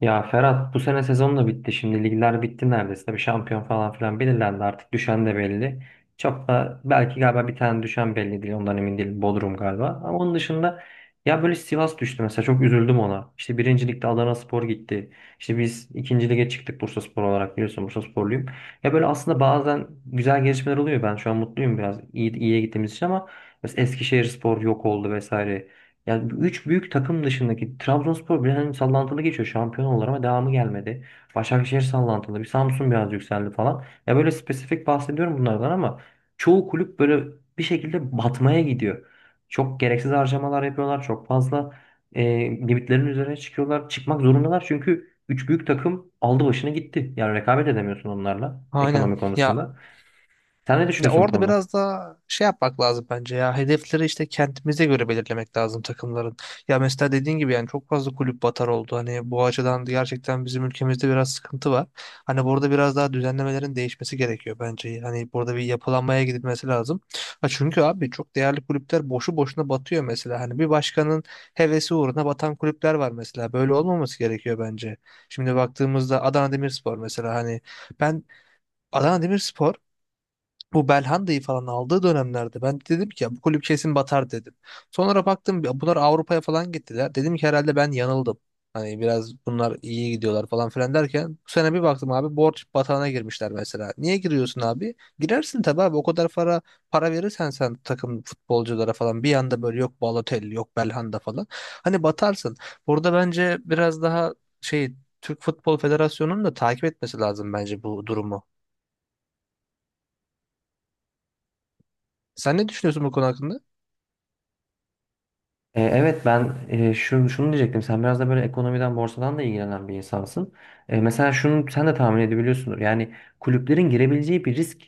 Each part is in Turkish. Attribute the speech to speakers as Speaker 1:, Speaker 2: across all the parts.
Speaker 1: Ya Ferhat bu sene sezon da bitti. Şimdi ligler bitti neredeyse. Bir şampiyon falan filan belirlendi artık. Düşen de belli. Çok da belki galiba bir tane düşen belli değil. Ondan emin değilim. Bodrum galiba. Ama onun dışında ya böyle Sivas düştü mesela. Çok üzüldüm ona. İşte birinci ligde Adanaspor gitti. İşte biz ikinci lige çıktık Bursaspor olarak biliyorsun. Bursasporluyum. Ya böyle aslında bazen güzel gelişmeler oluyor. Ben şu an mutluyum biraz. İyi, iyiye gittiğimiz için ama mesela Eskişehirspor yok oldu vesaire. Yani bu üç büyük takım dışındaki Trabzonspor biraz hani sallantılı geçiyor şampiyon olarak ama devamı gelmedi. Başakşehir sallantılı, bir Samsun biraz yükseldi falan. Ya böyle spesifik bahsediyorum bunlardan ama çoğu kulüp böyle bir şekilde batmaya gidiyor. Çok gereksiz harcamalar yapıyorlar, çok fazla e, limitlerin üzerine çıkıyorlar. Çıkmak zorundalar çünkü üç büyük takım aldı başını gitti. Yani rekabet edemiyorsun onlarla
Speaker 2: Aynen.
Speaker 1: ekonomi
Speaker 2: Ya,
Speaker 1: konusunda. Sen ne
Speaker 2: ya
Speaker 1: düşünüyorsun bu
Speaker 2: orada
Speaker 1: konuda?
Speaker 2: biraz daha şey yapmak lazım bence ya. Hedefleri işte kendimize göre belirlemek lazım takımların. Ya mesela dediğin gibi yani çok fazla kulüp batar oldu. Hani bu açıdan gerçekten bizim ülkemizde biraz sıkıntı var. Hani burada biraz daha düzenlemelerin değişmesi gerekiyor bence. Hani burada bir yapılanmaya gidilmesi lazım. Ha çünkü abi çok değerli kulüpler boşu boşuna batıyor mesela. Hani bir başkanın hevesi uğruna batan kulüpler var mesela. Böyle olmaması gerekiyor bence. Şimdi baktığımızda Adana Demirspor mesela hani ben Adana Demirspor bu Belhanda'yı falan aldığı dönemlerde ben dedim ki ya bu kulüp kesin batar dedim. Sonra baktım ya bunlar Avrupa'ya falan gittiler. Dedim ki herhalde ben yanıldım. Hani biraz bunlar iyi gidiyorlar falan filan derken bu sene bir baktım abi borç batağına girmişler mesela. Niye giriyorsun abi? Girersin tabii abi o kadar para verirsen sen takım futbolculara falan bir anda böyle yok Balotelli yok Belhanda falan. Hani batarsın. Burada bence biraz daha şey, Türk Futbol Federasyonu'nun da takip etmesi lazım bence bu durumu. Sen ne düşünüyorsun bu konu hakkında?
Speaker 1: Evet ben, şunu diyecektim. Sen biraz da böyle ekonomiden, borsadan da ilgilenen bir insansın. Mesela şunu sen de tahmin edebiliyorsundur. Yani kulüplerin girebileceği bir risk,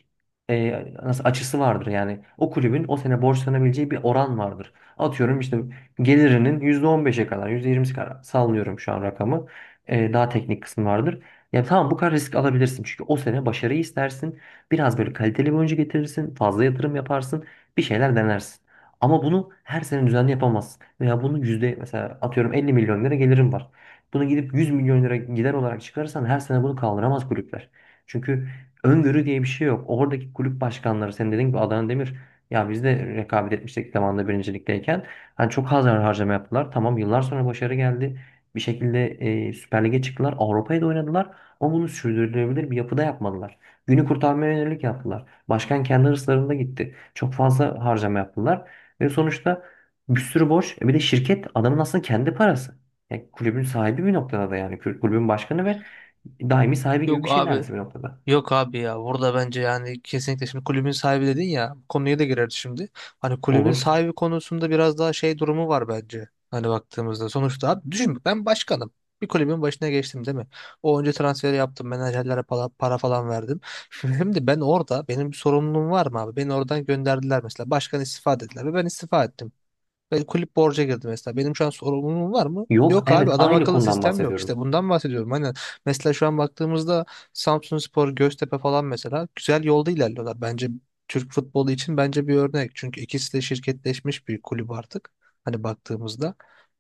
Speaker 1: e, nasıl açısı vardır. Yani o kulübün o sene borçlanabileceği bir oran vardır. Atıyorum işte gelirinin %15'e kadar, %20'si kadar sallıyorum şu an rakamı. Daha teknik kısmı vardır. Ya tamam bu kadar risk alabilirsin. Çünkü o sene başarıyı istersin. Biraz böyle kaliteli bir oyuncu getirirsin. Fazla yatırım yaparsın. Bir şeyler denersin. Ama bunu her sene düzenli yapamazsın. Veya bunu yüzde mesela atıyorum 50 milyon lira gelirim var. Bunu gidip 100 milyon lira gider olarak çıkarırsan her sene bunu kaldıramaz kulüpler. Çünkü öngörü diye bir şey yok. Oradaki kulüp başkanları senin dediğin gibi Adana Demir ya biz de rekabet etmiştik zamanında birincilikteyken. Hani çok az harcama yaptılar. Tamam yıllar sonra başarı geldi. Bir şekilde Süper Lig'e çıktılar. Avrupa'ya da oynadılar. Ama bunu sürdürülebilir bir yapıda yapmadılar. Günü kurtarmaya yönelik yaptılar. Başkan kendi hırslarında gitti. Çok fazla harcama yaptılar. Ve sonuçta bir sürü borç. Bir de şirket adamın aslında kendi parası. Yani kulübün sahibi bir noktada da yani. Kulübün başkanı ve daimi sahibi gibi bir
Speaker 2: Yok
Speaker 1: şey
Speaker 2: abi.
Speaker 1: neredeyse bir noktada.
Speaker 2: Yok abi ya. Burada bence yani kesinlikle şimdi kulübün sahibi dedin ya. Bu konuya da girerdi şimdi. Hani kulübün
Speaker 1: Olur.
Speaker 2: sahibi konusunda biraz daha şey durumu var bence. Hani baktığımızda sonuçta abi düşün ben başkanım. Bir kulübün başına geçtim değil mi? O önce transferi yaptım. Menajerlere para falan verdim. Şimdi ben orada benim bir sorumluluğum var mı abi? Beni oradan gönderdiler mesela. Başkan istifa dediler ve ben istifa ettim. Ve kulüp borca girdi mesela. Benim şu an sorumluluğum var mı?
Speaker 1: Yok,
Speaker 2: Yok abi,
Speaker 1: evet,
Speaker 2: adam
Speaker 1: aynı
Speaker 2: akıllı
Speaker 1: konudan
Speaker 2: sistem yok.
Speaker 1: bahsediyorum.
Speaker 2: İşte bundan bahsediyorum. Hani mesela şu an baktığımızda Samsunspor, Göztepe falan mesela güzel yolda ilerliyorlar. Bence Türk futbolu için bence bir örnek. Çünkü ikisi de şirketleşmiş bir kulüp artık. Hani baktığımızda.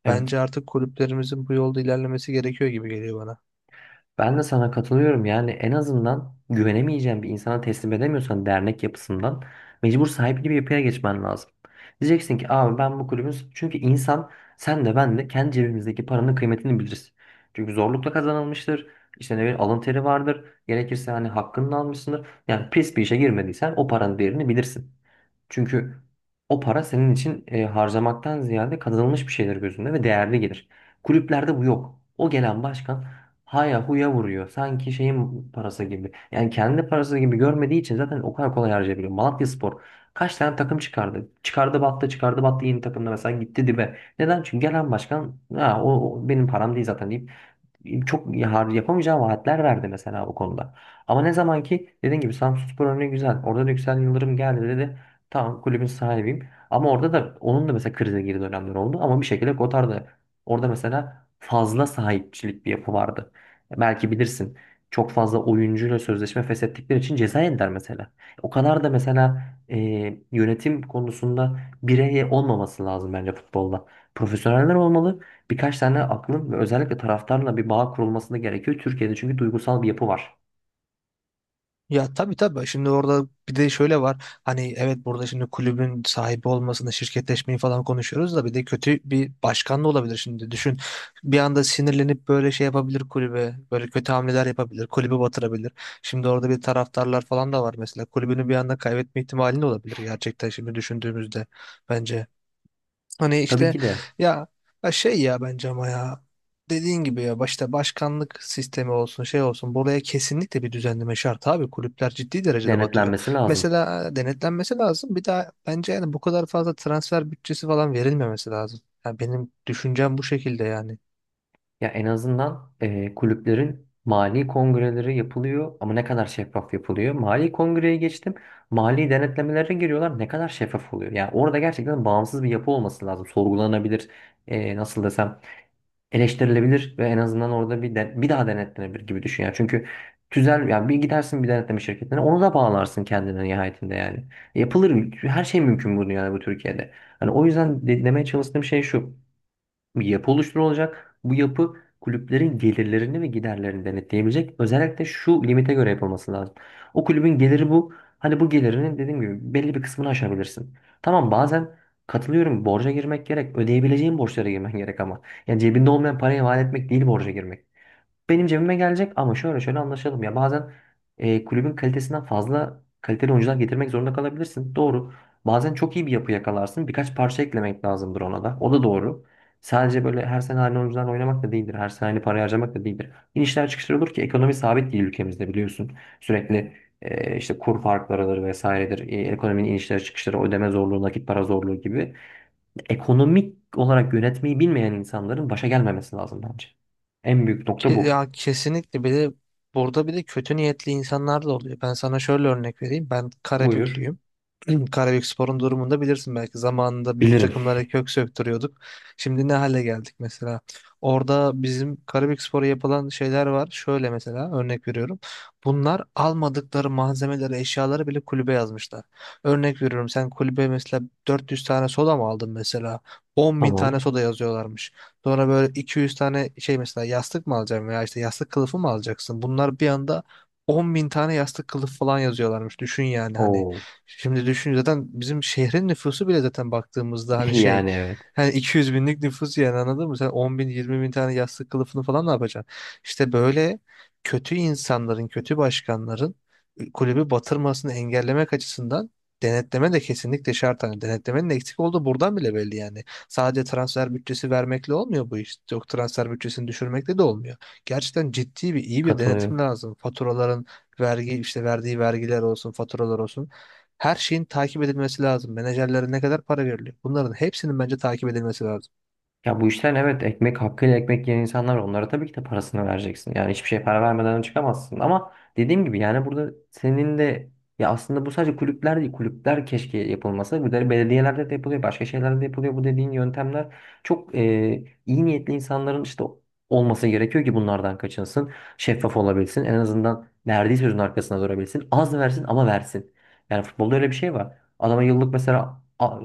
Speaker 1: Evet.
Speaker 2: Bence artık kulüplerimizin bu yolda ilerlemesi gerekiyor gibi geliyor bana.
Speaker 1: Ben de sana katılıyorum. Yani en azından güvenemeyeceğin bir insana teslim edemiyorsan dernek yapısından mecbur sahipli bir yapıya geçmen lazım. Diyeceksin ki abi ben bu kulübün, çünkü insan, sen de ben de kendi cebimizdeki paranın kıymetini biliriz. Çünkü zorlukla kazanılmıştır. İşte ne bileyim alın teri vardır. Gerekirse hani hakkını da almışsındır. Yani pis bir işe girmediysen o paranın değerini bilirsin. Çünkü o para senin için, harcamaktan ziyade kazanılmış bir şeyler gözünde ve değerli gelir. Kulüplerde bu yok. O gelen başkan haya huya vuruyor. Sanki şeyin parası gibi. Yani kendi parası gibi görmediği için zaten o kadar kolay harcayabiliyor. Malatyaspor kaç tane takım çıkardı? Çıkardı battı, çıkardı battı, yeni takımda mesela gitti dibe. Neden? Çünkü gelen başkan, o benim param değil zaten deyip çok yapamayacağım vaatler verdi mesela bu konuda. Ama ne zaman ki dediğin gibi Samsunspor örneği güzel. Orada da Yüksel Yıldırım geldi dedi. Tamam, kulübün sahibiyim. Ama orada da onun da mesela krize girdiği dönemler oldu. Ama bir şekilde Kotar da orada mesela fazla sahipçilik bir yapı vardı. Belki bilirsin. Çok fazla oyuncuyla sözleşme feshettikleri için ceza yediler mesela. O kadar da mesela e, yönetim konusunda birey olmaması lazım bence futbolda. Profesyoneller olmalı, birkaç tane aklın, ve özellikle taraftarla bir bağ kurulmasını gerekiyor. Türkiye'de çünkü duygusal bir yapı var.
Speaker 2: Ya tabii tabii. Şimdi orada bir de şöyle var. Hani evet, burada şimdi kulübün sahibi olmasını, şirketleşmeyi falan konuşuyoruz da bir de kötü bir başkan da olabilir şimdi. Düşün. Bir anda sinirlenip böyle şey yapabilir kulübe. Böyle kötü hamleler yapabilir. Kulübü batırabilir. Şimdi orada bir taraftarlar falan da var mesela. Kulübünü bir anda kaybetme ihtimali de olabilir gerçekten şimdi düşündüğümüzde bence. Hani
Speaker 1: Tabii
Speaker 2: işte
Speaker 1: ki de
Speaker 2: ya, ya, bence ama ya dediğin gibi ya başta başkanlık sistemi olsun şey olsun buraya kesinlikle bir düzenleme şart abi, kulüpler ciddi derecede batıyor.
Speaker 1: denetlenmesi lazım.
Speaker 2: Mesela denetlenmesi lazım bir daha bence. Yani bu kadar fazla transfer bütçesi falan verilmemesi lazım. Yani benim düşüncem bu şekilde yani.
Speaker 1: Ya en azından kulüplerin mali kongreleri yapılıyor ama ne kadar şeffaf yapılıyor? Mali kongreye geçtim. Mali denetlemelere giriyorlar. Ne kadar şeffaf oluyor? Yani orada gerçekten bağımsız bir yapı olması lazım. Sorgulanabilir, nasıl desem, eleştirilebilir ve en azından orada bir daha denetlenebilir gibi düşün ya. Çünkü tüzel, ya bir gidersin bir denetleme şirketine onu da bağlarsın kendine nihayetinde yani. Yapılır, her şey mümkün bu dünyada, bu Türkiye'de. Hani o yüzden demeye çalıştığım şey şu: bir yapı oluşturulacak. Bu yapı kulüplerin gelirlerini ve giderlerini denetleyebilecek. Özellikle şu limite göre yapılması lazım. O kulübün geliri bu. Hani bu gelirinin dediğim gibi belli bir kısmını aşabilirsin. Tamam, bazen katılıyorum, borca girmek gerek. Ödeyebileceğin borçlara girmen gerek ama. Yani cebinde olmayan parayı vaat etmek değil, borca girmek, benim cebime gelecek ama şöyle şöyle anlaşalım ya, bazen kulübün kalitesinden fazla kaliteli oyuncular getirmek zorunda kalabilirsin. Doğru. Bazen çok iyi bir yapı yakalarsın. Birkaç parça eklemek lazımdır ona da. O da doğru. Sadece böyle her sene aynı oyuncularla oynamak da değildir. Her sene aynı parayı harcamak da değildir. İnişler çıkışlar olur ki ekonomi sabit değil ülkemizde, biliyorsun. Sürekli işte kur farklarıdır vesairedir. Ekonominin inişleri çıkışları, ödeme zorluğu, nakit para zorluğu gibi. Ekonomik olarak yönetmeyi bilmeyen insanların başa gelmemesi lazım bence. En büyük nokta bu.
Speaker 2: Ya kesinlikle, bir de burada bir de kötü niyetli insanlar da oluyor. Ben sana şöyle örnek vereyim, ben
Speaker 1: Buyur.
Speaker 2: Karabüklüyüm. Karabükspor'un durumunu da bilirsin belki. Zamanında büyük
Speaker 1: Bilirim.
Speaker 2: takımlara kök söktürüyorduk. Şimdi ne hale geldik mesela. Orada bizim Karabükspor'a yapılan şeyler var. Şöyle mesela örnek veriyorum. Bunlar almadıkları malzemeleri, eşyaları bile kulübe yazmışlar. Örnek veriyorum, sen kulübe mesela 400 tane soda mı aldın mesela? 10 bin tane
Speaker 1: Tamam.
Speaker 2: soda yazıyorlarmış. Sonra böyle 200 tane şey, mesela yastık mı alacaksın veya işte yastık kılıfı mı alacaksın? Bunlar bir anda 10 bin tane yastık kılıf falan yazıyorlarmış. Düşün yani hani.
Speaker 1: Oo.
Speaker 2: Şimdi düşün, zaten bizim şehrin nüfusu bile zaten baktığımızda hani şey,
Speaker 1: Yani evet.
Speaker 2: hani 200 binlik nüfus yani, anladın mı? Sen 10 bin 20 bin tane yastık kılıfını falan ne yapacaksın? İşte böyle kötü insanların, kötü başkanların kulübü batırmasını engellemek açısından denetleme de kesinlikle şart. Hani denetlemenin eksik olduğu buradan bile belli yani. Sadece transfer bütçesi vermekle olmuyor bu iş. Yok, transfer bütçesini düşürmekle de olmuyor. Gerçekten ciddi bir iyi bir denetim
Speaker 1: Katılıyorum.
Speaker 2: lazım. Faturaların, vergi, işte verdiği vergiler olsun, faturalar olsun. Her şeyin takip edilmesi lazım. Menajerlere ne kadar para veriliyor? Bunların hepsinin bence takip edilmesi lazım.
Speaker 1: Ya bu işten evet ekmek hakkıyla ekmek yiyen insanlar var. Onlara tabii ki de parasını vereceksin. Yani hiçbir şey para vermeden çıkamazsın. Ama dediğim gibi yani burada senin de, ya aslında bu sadece kulüpler değil. Kulüpler keşke yapılmasa. Bu da belediyelerde de yapılıyor. Başka şeylerde de yapılıyor. Bu dediğin yöntemler çok, iyi niyetli insanların işte olması gerekiyor ki bunlardan kaçınsın. Şeffaf olabilsin. En azından verdiği sözün arkasına durabilsin. Az versin ama versin. Yani futbolda öyle bir şey var. Adama yıllık mesela,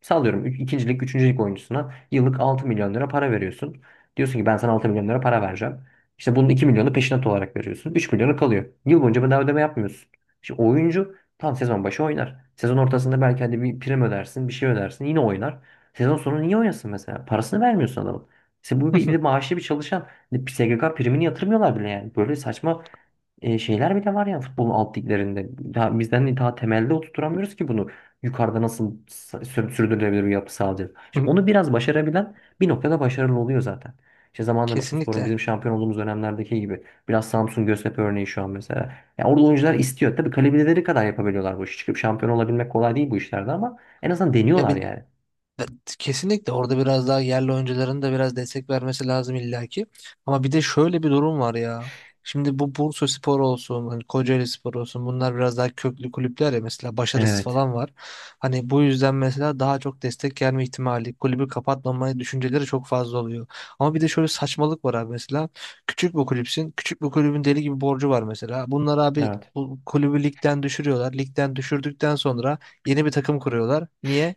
Speaker 1: sallıyorum, üç, ikincilik, üçüncülük oyuncusuna yıllık 6 milyon lira para veriyorsun. Diyorsun ki ben sana 6 milyon lira para vereceğim. İşte bunun 2 milyonu peşinat olarak veriyorsun. 3 milyonu kalıyor. Yıl boyunca bedava ödeme yapmıyorsun. Şimdi oyuncu tam sezon başı oynar. Sezon ortasında belki hadi bir prim ödersin, bir şey ödersin, yine oynar. Sezon sonu niye oynasın mesela? Parasını vermiyorsun adamın. İşte bu bir, bir de maaşlı bir çalışan. Bir SGK primini yatırmıyorlar bile yani. Böyle saçma şeyler bile var ya futbolun alt liglerinde. Daha, bizden daha temelde oturtamıyoruz ki bunu. Yukarıda nasıl sürdürülebilir bir yapı sağlayacağız? İşte onu biraz başarabilen bir noktada başarılı oluyor zaten. İşte zamanında Bursaspor'un
Speaker 2: Kesinlikle.
Speaker 1: bizim şampiyon olduğumuz dönemlerdeki gibi. Biraz Samsun Göztepe örneği şu an mesela. Yani orada oyuncular istiyor. Tabii kalibreleri kadar yapabiliyorlar bu işi. Çıkıp şampiyon olabilmek kolay değil bu işlerde ama en azından
Speaker 2: Ya
Speaker 1: deniyorlar
Speaker 2: bil-
Speaker 1: yani.
Speaker 2: Kesinlikle orada biraz daha yerli oyuncuların da biraz destek vermesi lazım illaki. Ama bir de şöyle bir durum var ya. Şimdi bu Bursaspor olsun, hani Kocaelispor olsun, bunlar biraz daha köklü kulüpler ya mesela, başarısı
Speaker 1: Evet.
Speaker 2: falan var. Hani bu yüzden mesela daha çok destek gelme ihtimali, kulübü kapatmama düşünceleri çok fazla oluyor. Ama bir de şöyle saçmalık var abi mesela. Küçük bir kulüpsün. Küçük bir kulübün deli gibi borcu var mesela. Bunlar abi
Speaker 1: Evet.
Speaker 2: bu kulübü ligden düşürüyorlar. Ligden düşürdükten sonra yeni bir takım kuruyorlar. Niye?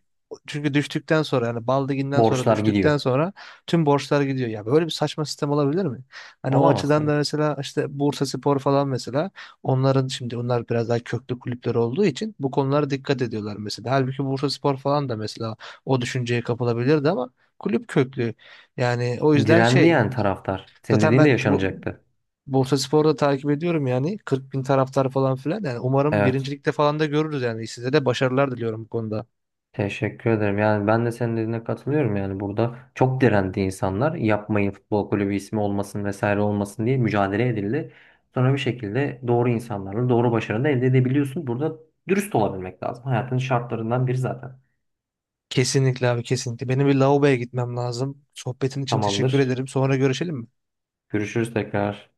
Speaker 2: Çünkü düştükten sonra, yani Baldigin'den sonra,
Speaker 1: Borçlar gidiyor.
Speaker 2: düştükten sonra tüm borçlar gidiyor. Ya böyle bir saçma sistem olabilir mi? Hani o
Speaker 1: Olamaz
Speaker 2: açıdan
Speaker 1: tabii
Speaker 2: da
Speaker 1: ki.
Speaker 2: mesela işte Bursaspor falan mesela, onların şimdi onlar biraz daha köklü kulüpler olduğu için bu konulara dikkat ediyorlar mesela. Halbuki Bursaspor falan da mesela o düşünceye kapılabilirdi ama kulüp köklü. Yani o yüzden
Speaker 1: Direndi
Speaker 2: şey,
Speaker 1: yani taraftar. Senin
Speaker 2: zaten
Speaker 1: dediğin de
Speaker 2: ben bu
Speaker 1: yaşanacaktı.
Speaker 2: Bursaspor'u da takip ediyorum yani, 40 bin taraftar falan filan yani, umarım
Speaker 1: Evet.
Speaker 2: birincilikte falan da görürüz yani, size de başarılar diliyorum bu konuda.
Speaker 1: Teşekkür ederim. Yani ben de senin dediğine katılıyorum. Yani burada çok direndi insanlar. Yapmayın, futbol kulübü ismi olmasın vesaire olmasın diye mücadele edildi. Sonra bir şekilde doğru insanlarla doğru başarını da elde edebiliyorsun. Burada dürüst olabilmek lazım. Hayatın şartlarından biri zaten.
Speaker 2: Kesinlikle abi kesinlikle. Benim bir lavaboya gitmem lazım. Sohbetin için teşekkür
Speaker 1: Tamamdır.
Speaker 2: ederim. Sonra görüşelim mi?
Speaker 1: Görüşürüz tekrar.